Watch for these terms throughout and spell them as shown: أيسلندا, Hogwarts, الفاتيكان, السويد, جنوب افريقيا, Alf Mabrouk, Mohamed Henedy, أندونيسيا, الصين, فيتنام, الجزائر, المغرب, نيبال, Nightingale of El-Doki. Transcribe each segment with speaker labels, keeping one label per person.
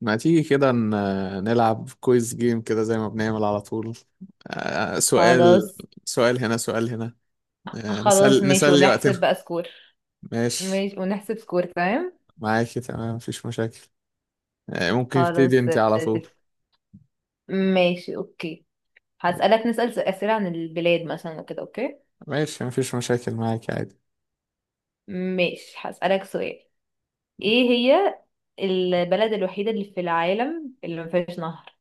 Speaker 1: ما تيجي كده نلعب كويز جيم كده زي ما بنعمل على طول. آه، سؤال
Speaker 2: خلاص.
Speaker 1: سؤال هنا، سؤال هنا.
Speaker 2: خلاص ماشي،
Speaker 1: نسلي
Speaker 2: ونحسب
Speaker 1: وقتنا.
Speaker 2: بقى سكور.
Speaker 1: ماشي،
Speaker 2: ماشي ونحسب سكور تمام.
Speaker 1: معاكي تمام مفيش مشاكل. ممكن ابتدي
Speaker 2: خلاص
Speaker 1: انت على طول؟
Speaker 2: تت- ماشي اوكي. هسألك نسأل أسئلة عن البلاد مثلا كده، اوكي؟
Speaker 1: ماشي مفيش مشاكل معاكي عادي.
Speaker 2: ماشي، هسألك سؤال. ايه هي البلد الوحيدة اللي في العالم اللي ما فيهاش نهر؟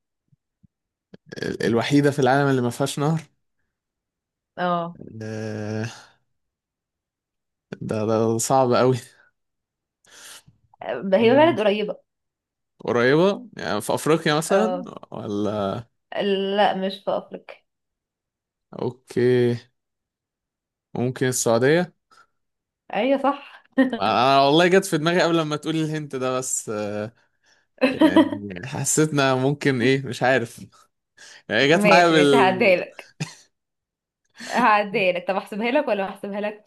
Speaker 1: الوحيدة في العالم اللي ما فيهاش نهر؟
Speaker 2: اه.
Speaker 1: آه، ده صعب قوي.
Speaker 2: هي بلد
Speaker 1: مم،
Speaker 2: قريبة.
Speaker 1: قريبة يعني في أفريقيا مثلا؟
Speaker 2: اه.
Speaker 1: ولا؟
Speaker 2: لا، مش في أفريقيا.
Speaker 1: أوكي. ممكن السعودية؟
Speaker 2: ايوه صح.
Speaker 1: أنا والله جت في دماغي قبل ما تقولي الهنت ده، بس يعني حسيتنا ممكن ايه مش عارف، يعني جت معايا
Speaker 2: ماشي ماشي،
Speaker 1: بال.
Speaker 2: هعديها لك. هعديها لك، طب احسبها لك ولا ما احسبها لك؟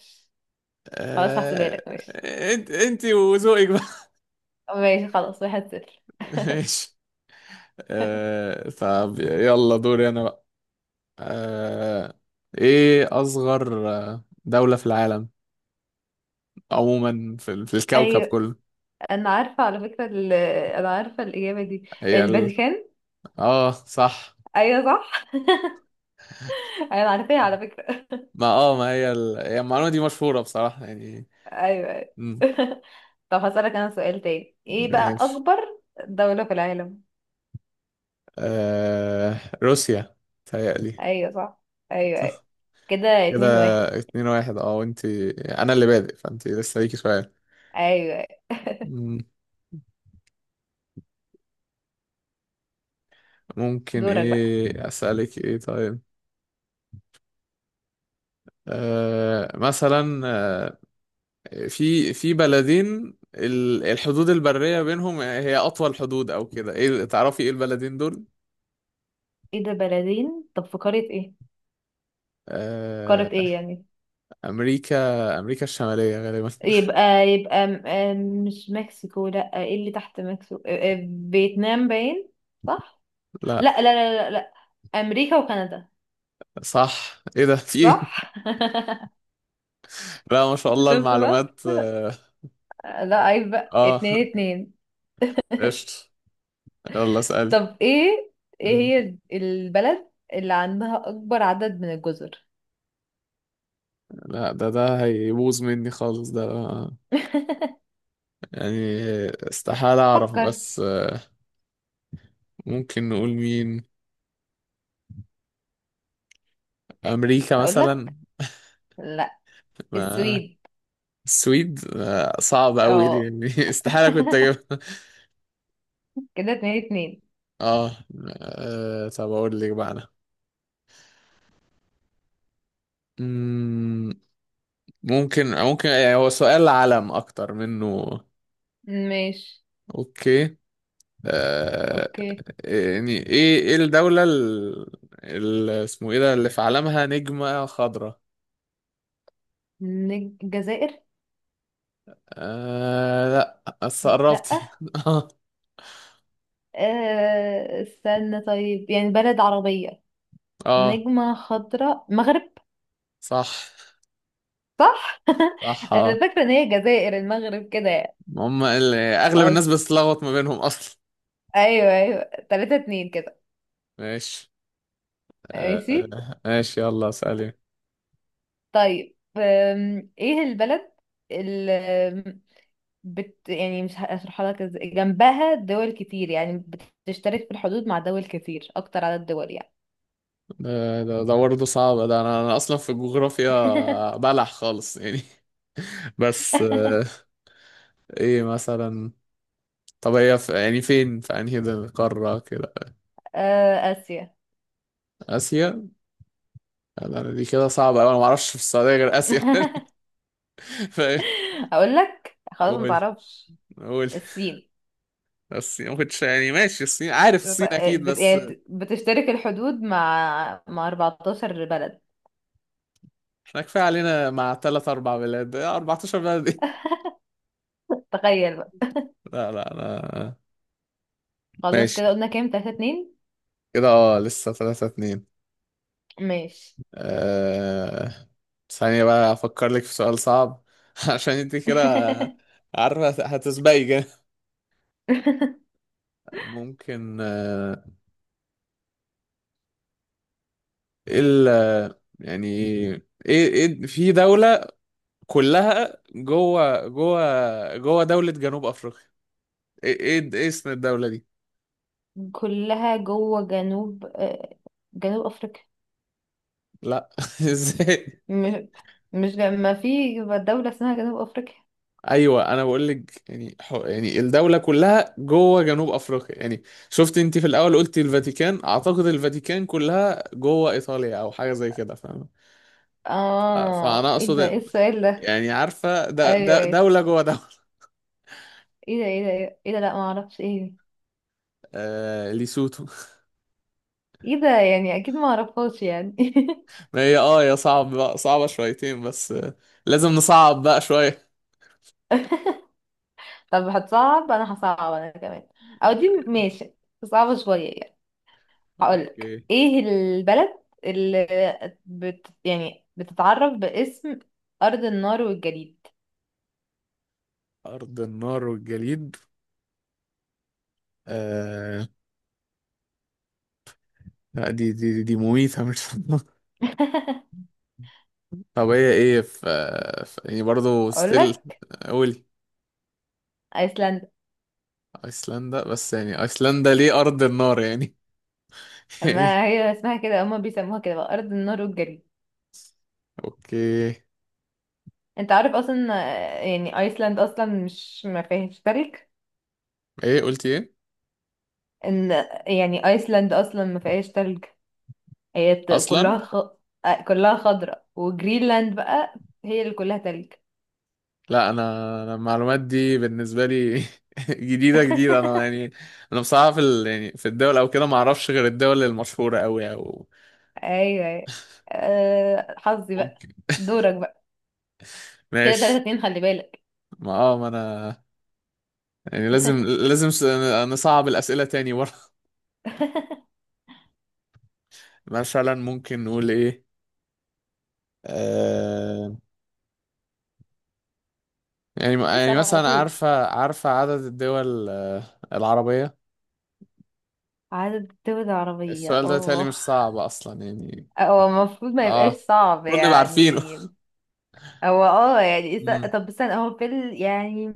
Speaker 2: خلاص هحسبها لك
Speaker 1: آه...
Speaker 2: ماشي.
Speaker 1: انت وذوقك بقى.
Speaker 2: ماشي خلاص، 1-0.
Speaker 1: ماشي. طب يلا دوري انا بقى. آه... ايه اصغر دولة في العالم، عموما في الكوكب
Speaker 2: ايوه،
Speaker 1: كله؟
Speaker 2: انا عارفه على فكره انا عارفه الاجابه دي،
Speaker 1: هي ال...
Speaker 2: الفاتيكان.
Speaker 1: اه صح.
Speaker 2: ايوه صح. انا عارفاها على فكره.
Speaker 1: ما اه ما هي المعلومة دي مشهورة بصراحة يعني.
Speaker 2: ايوه ايوه.
Speaker 1: مم،
Speaker 2: طب هسألك انا سؤال تاني، ايه بقى
Speaker 1: ماشي.
Speaker 2: اكبر دولة في العالم؟
Speaker 1: روسيا تهيألي.
Speaker 2: ايوه صح. ايوه ايوه. كده
Speaker 1: كده
Speaker 2: 2-1.
Speaker 1: 2-1 اه. وانت انا اللي بادئ، فانت لسه ليكي سؤال.
Speaker 2: ايوه أيوة.
Speaker 1: مم، ممكن
Speaker 2: دورك بقى.
Speaker 1: ايه اسألك ايه طيب. مثلا، في بلدين الحدود البرية بينهم هي اطول حدود او كده، ايه تعرفي ايه البلدين دول؟
Speaker 2: ايه ده، بلدين؟ طب في قارة ايه؟ قارة
Speaker 1: آه
Speaker 2: ايه يعني؟
Speaker 1: امريكا، امريكا الشمالية غالبا.
Speaker 2: يبقى، يبقى م- آه، مش مكسيكو؟ لا، ايه اللي تحت مكسيكو، فيتنام باين. صح؟ لا
Speaker 1: لا.
Speaker 2: لا لا لا, لا. امريكا وكندا.
Speaker 1: صح، ايه ده في ايه؟
Speaker 2: صح.
Speaker 1: لا ما شاء الله
Speaker 2: شفت بقى؟
Speaker 1: المعلومات اه.
Speaker 2: لا عيب بقى،
Speaker 1: آه،
Speaker 2: 2-2.
Speaker 1: قشطة. يلا اسألي.
Speaker 2: طب ايه، ايه هي البلد اللي عندها اكبر عدد من الجزر؟
Speaker 1: لا ده هيبوظ مني خالص ده، يعني استحالة أعرف.
Speaker 2: فكر.
Speaker 1: بس ممكن نقول مين؟ أمريكا
Speaker 2: اقول
Speaker 1: مثلا؟
Speaker 2: لك؟ لا،
Speaker 1: ما
Speaker 2: السويد.
Speaker 1: السويد صعب أوي دي،
Speaker 2: اه.
Speaker 1: يعني استحالة كنت أجيبها.
Speaker 2: كده 2-2.
Speaker 1: آه طب أقول لك بقى أنا. مم، ممكن يعني هو سؤال علم أكتر منه.
Speaker 2: ماشي.
Speaker 1: أوكي. آه،
Speaker 2: اوكي.
Speaker 1: يعني إيه الدولة اسمه إيه ده اللي في علمها نجمة خضراء؟
Speaker 2: الجزائر؟
Speaker 1: آه لا بس
Speaker 2: لا.
Speaker 1: قربتي، اه.
Speaker 2: آه استنى، طيب يعني بلد عربية،
Speaker 1: اه
Speaker 2: نجمة خضراء، مغرب.
Speaker 1: صح،
Speaker 2: صح.
Speaker 1: صح اه.
Speaker 2: انا فاكره ان هي الجزائر المغرب كده يعني.
Speaker 1: هم اغلب الناس
Speaker 2: خلاص.
Speaker 1: بتتلخبط ما بينهم اصلا.
Speaker 2: ايوه ايوه. 3-2.
Speaker 1: ماشي.
Speaker 2: ماشي.
Speaker 1: ماشي يلا اسألي.
Speaker 2: طيب ايه البلد اللي بت يعني مش هشرحها لك ازاي، جنبها دول كتير يعني، بتشترك في الحدود مع دول كتير، اكتر عدد دول يعني.
Speaker 1: ده ده برضه صعب ده، انا اصلا في الجغرافيا بلح خالص يعني. بس ايه مثلا؟ طب هي يعني فين، في انهي ده قارة كده؟
Speaker 2: اسيا.
Speaker 1: اسيا. لا، لا، دي كده صعبة أوي، انا ما اعرفش في السعودية غير اسيا. ف-
Speaker 2: اقول لك، خلاص ما
Speaker 1: قول،
Speaker 2: تعرفش؟
Speaker 1: قول.
Speaker 2: الصين.
Speaker 1: الصين؟ ما كنتش يعني، ماشي الصين، عارف الصين اكيد
Speaker 2: بت...
Speaker 1: بس
Speaker 2: يعني بتشترك الحدود مع 14 بلد.
Speaker 1: احنا كفايه علينا مع ثلاث اربع بلاد. 14 بلد ايه؟
Speaker 2: تخيل.
Speaker 1: لا لا انا.
Speaker 2: خلاص
Speaker 1: ماشي.
Speaker 2: كده، قلنا كام؟ 3-2.
Speaker 1: كده اه لسه 3-2.
Speaker 2: ماشي.
Speaker 1: أه... ثانية بقى افكر لك في سؤال صعب عشان انت كده عارفة هتسبقي جا. ممكن ايه ال يعني ايه في دولة كلها جوه دولة جنوب افريقيا، ايه ايه إيه اسم الدولة دي؟
Speaker 2: كلها جوه جنوب افريقيا؟
Speaker 1: لا، ازاي؟
Speaker 2: مش مش ما في دولة اسمها جنوب افريقيا؟
Speaker 1: ايوه انا بقول لك يعني، يعني الدوله كلها جوه جنوب افريقيا يعني. شفت انت في الاول قلت الفاتيكان، اعتقد الفاتيكان كلها جوه ايطاليا او حاجه زي كده، فاهم؟
Speaker 2: اه،
Speaker 1: فانا
Speaker 2: ايه ده،
Speaker 1: اقصد
Speaker 2: ايه السؤال ده؟
Speaker 1: يعني عارفه ده
Speaker 2: ايوه
Speaker 1: ده
Speaker 2: ايوه.
Speaker 1: دوله جوه دوله.
Speaker 2: ايه ده، ايه ده، ايه ده, إيه ده؟ لا ما اعرفش ايه دي.
Speaker 1: ليسوتو.
Speaker 2: ايه ده، يعني اكيد ما اعرفهاش يعني.
Speaker 1: ما هي يا صعب بقى، صعبه شويتين بس لازم نصعب بقى شويه.
Speaker 2: طب هتصعب، انا هصعب انا كمان. او دي ماشي، صعبة شوية يعني. هقولك
Speaker 1: اوكي.
Speaker 2: ايه البلد اللي بت يعني بتتعرف باسم أرض النار والجليد؟
Speaker 1: ارض النار والجليد؟ آه لا دي مميته مش. طب هي ايه في يعني برضه ستيل.
Speaker 2: أقولك؟
Speaker 1: قولي.
Speaker 2: أيسلندا.
Speaker 1: ايسلندا؟ بس يعني ايسلندا ليه ارض النار يعني؟ يعني
Speaker 2: ما هي اسمها كده، هما بيسموها كده بقى أرض النار والجليد.
Speaker 1: اوكي.
Speaker 2: انت عارف أصلا يعني أيسلند أصلا مش، ما فيهاش تلج.
Speaker 1: ايه قلتي ايه؟
Speaker 2: ان يعني أيسلند أصلا ما فيهاش تلج. هي ت- كلها
Speaker 1: اصلا
Speaker 2: خ... آه، كلها خضراء، وجرينلاند بقى هي اللي كلها تلج.
Speaker 1: لا انا، أنا المعلومات دي بالنسبه لي جديده جديده انا يعني. انا بصراحه يعني في الدول او كده ما اعرفش غير الدول المشهوره قوي او
Speaker 2: أيوه أيوه. حظي بقى.
Speaker 1: ممكن.
Speaker 2: دورك. كده تلاتة
Speaker 1: ماشي.
Speaker 2: اتنين خلي بالك.
Speaker 1: ما اه ما انا يعني لازم لازم نصعب الاسئله تاني ورا. مثلا ممكن نقول ايه. آه، يعني
Speaker 2: اسأل على
Speaker 1: مثلا
Speaker 2: طول.
Speaker 1: عارفة، عدد الدول العربية.
Speaker 2: عدد دول العربية؟
Speaker 1: السؤال ده تالي مش
Speaker 2: اه.
Speaker 1: صعب أصلا يعني.
Speaker 2: هو المفروض ما يبقاش
Speaker 1: اه،
Speaker 2: صعب
Speaker 1: المفروض نبقى عارفينه.
Speaker 2: يعني. هو اه يعني
Speaker 1: مم.
Speaker 2: طب استنى، هو في يعني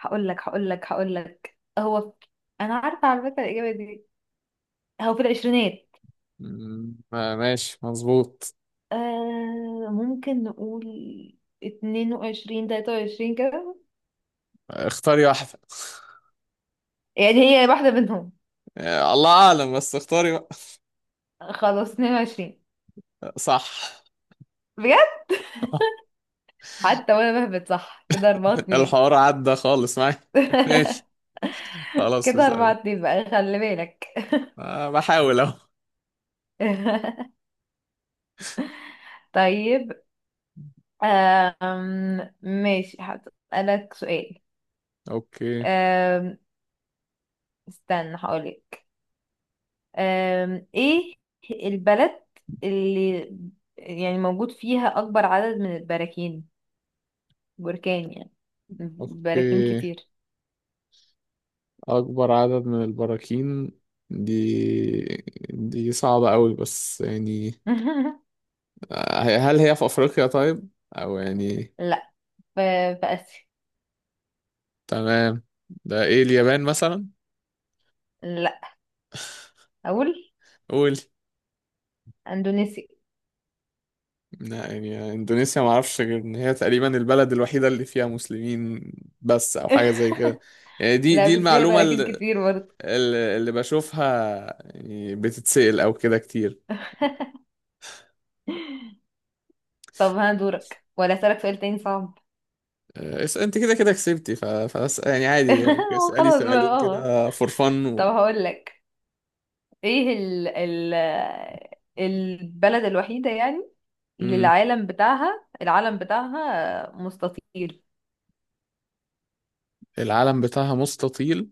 Speaker 2: هقول لك هقول لك هقول لك، انا عارفة على فكرة الإجابة دي. هو في العشرينات.
Speaker 1: مم. ماشي مظبوط.
Speaker 2: آه ممكن نقول 22، 23 كده،
Speaker 1: اختاري واحدة.
Speaker 2: يعني هي واحدة منهم.
Speaker 1: الله أعلم بس اختاري بقى.
Speaker 2: خلاص، 22.
Speaker 1: صح.
Speaker 2: بجد؟ حتى وانا بهبت صح، كده 4-2.
Speaker 1: الحوار عدى خالص معايا. ماشي. خلاص
Speaker 2: كده أربعة
Speaker 1: اسأل.
Speaker 2: اتنين بقى، خلي بالك.
Speaker 1: بحاول أهو.
Speaker 2: طيب ماشي، هسألك سؤال.
Speaker 1: أوكي.
Speaker 2: أم... استنى هقولك. ايه البلد اللي يعني موجود فيها أكبر عدد من البراكين؟ بركان يعني، براكين
Speaker 1: أوكي.
Speaker 2: كتير.
Speaker 1: أكبر عدد من البراكين. دي دي صعبة أوي بس يعني. هل هي في أفريقيا طيب أو يعني؟
Speaker 2: لا، في، في آسيا.
Speaker 1: تمام. ده إيه، اليابان مثلا؟
Speaker 2: لا. أقول؟
Speaker 1: قول.
Speaker 2: أندونيسيا.
Speaker 1: لا يعني إندونيسيا ما أعرفش غير إن هي تقريبا البلد الوحيدة اللي فيها مسلمين بس، أو حاجة زي كده. يعني دي
Speaker 2: لا
Speaker 1: دي
Speaker 2: بس فيها
Speaker 1: المعلومة
Speaker 2: براكين كتير برضه.
Speaker 1: اللي بشوفها يعني بتتسأل أو كده كتير.
Speaker 2: طب ها، دورك ولا أسألك سؤال تاني صعب؟
Speaker 1: أنت كده كسبتي يعني عادي
Speaker 2: هو
Speaker 1: اسألي
Speaker 2: خلاص بقى
Speaker 1: سؤالين
Speaker 2: اه.
Speaker 1: كده فور فن
Speaker 2: طب هقول لك، ايه ال البلد الوحيدة يعني اللي
Speaker 1: مم.
Speaker 2: العالم بتاعها مستطيل؟
Speaker 1: العلم بتاعها مستطيل.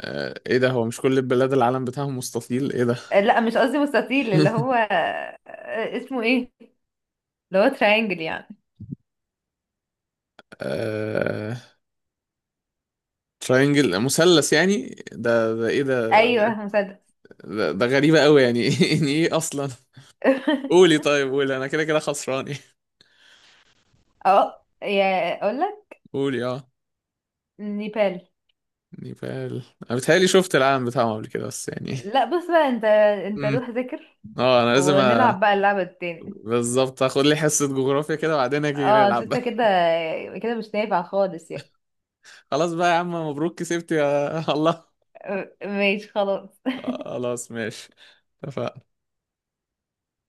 Speaker 1: ايه ده، هو مش كل البلاد العلم بتاعها مستطيل ايه ده.
Speaker 2: لا مش قصدي مستطيل، اللي هو اسمه ايه، اللي هو تراينجل يعني.
Speaker 1: آه... تراينجل مثلث يعني، ده ايه ده؟
Speaker 2: ايوه، مسدس.
Speaker 1: ده غريبة قوي يعني، يعني ايه اصلا؟ قولي طيب، قولي انا كده كده خسران إيه؟
Speaker 2: اه يا اقول لك.
Speaker 1: قولي اه.
Speaker 2: نيبال.
Speaker 1: نيبال. انا بتهيألي شفت العالم بتاعهم قبل كده بس يعني.
Speaker 2: لا بص بقى، انت، انت
Speaker 1: امم
Speaker 2: روح ذاكر،
Speaker 1: اه انا لازم
Speaker 2: ونلعب بقى اللعبة التاني.
Speaker 1: بالظبط، اخد لي حصة جغرافيا كده وبعدين اجي
Speaker 2: اه أصل
Speaker 1: نلعب.
Speaker 2: انت كده كده مش نافع خالص يعني.
Speaker 1: خلاص بقى يا عم، مبروك كسبت يا الله.
Speaker 2: آه، ماشي خلاص.
Speaker 1: خلاص ماشي. اتفقنا.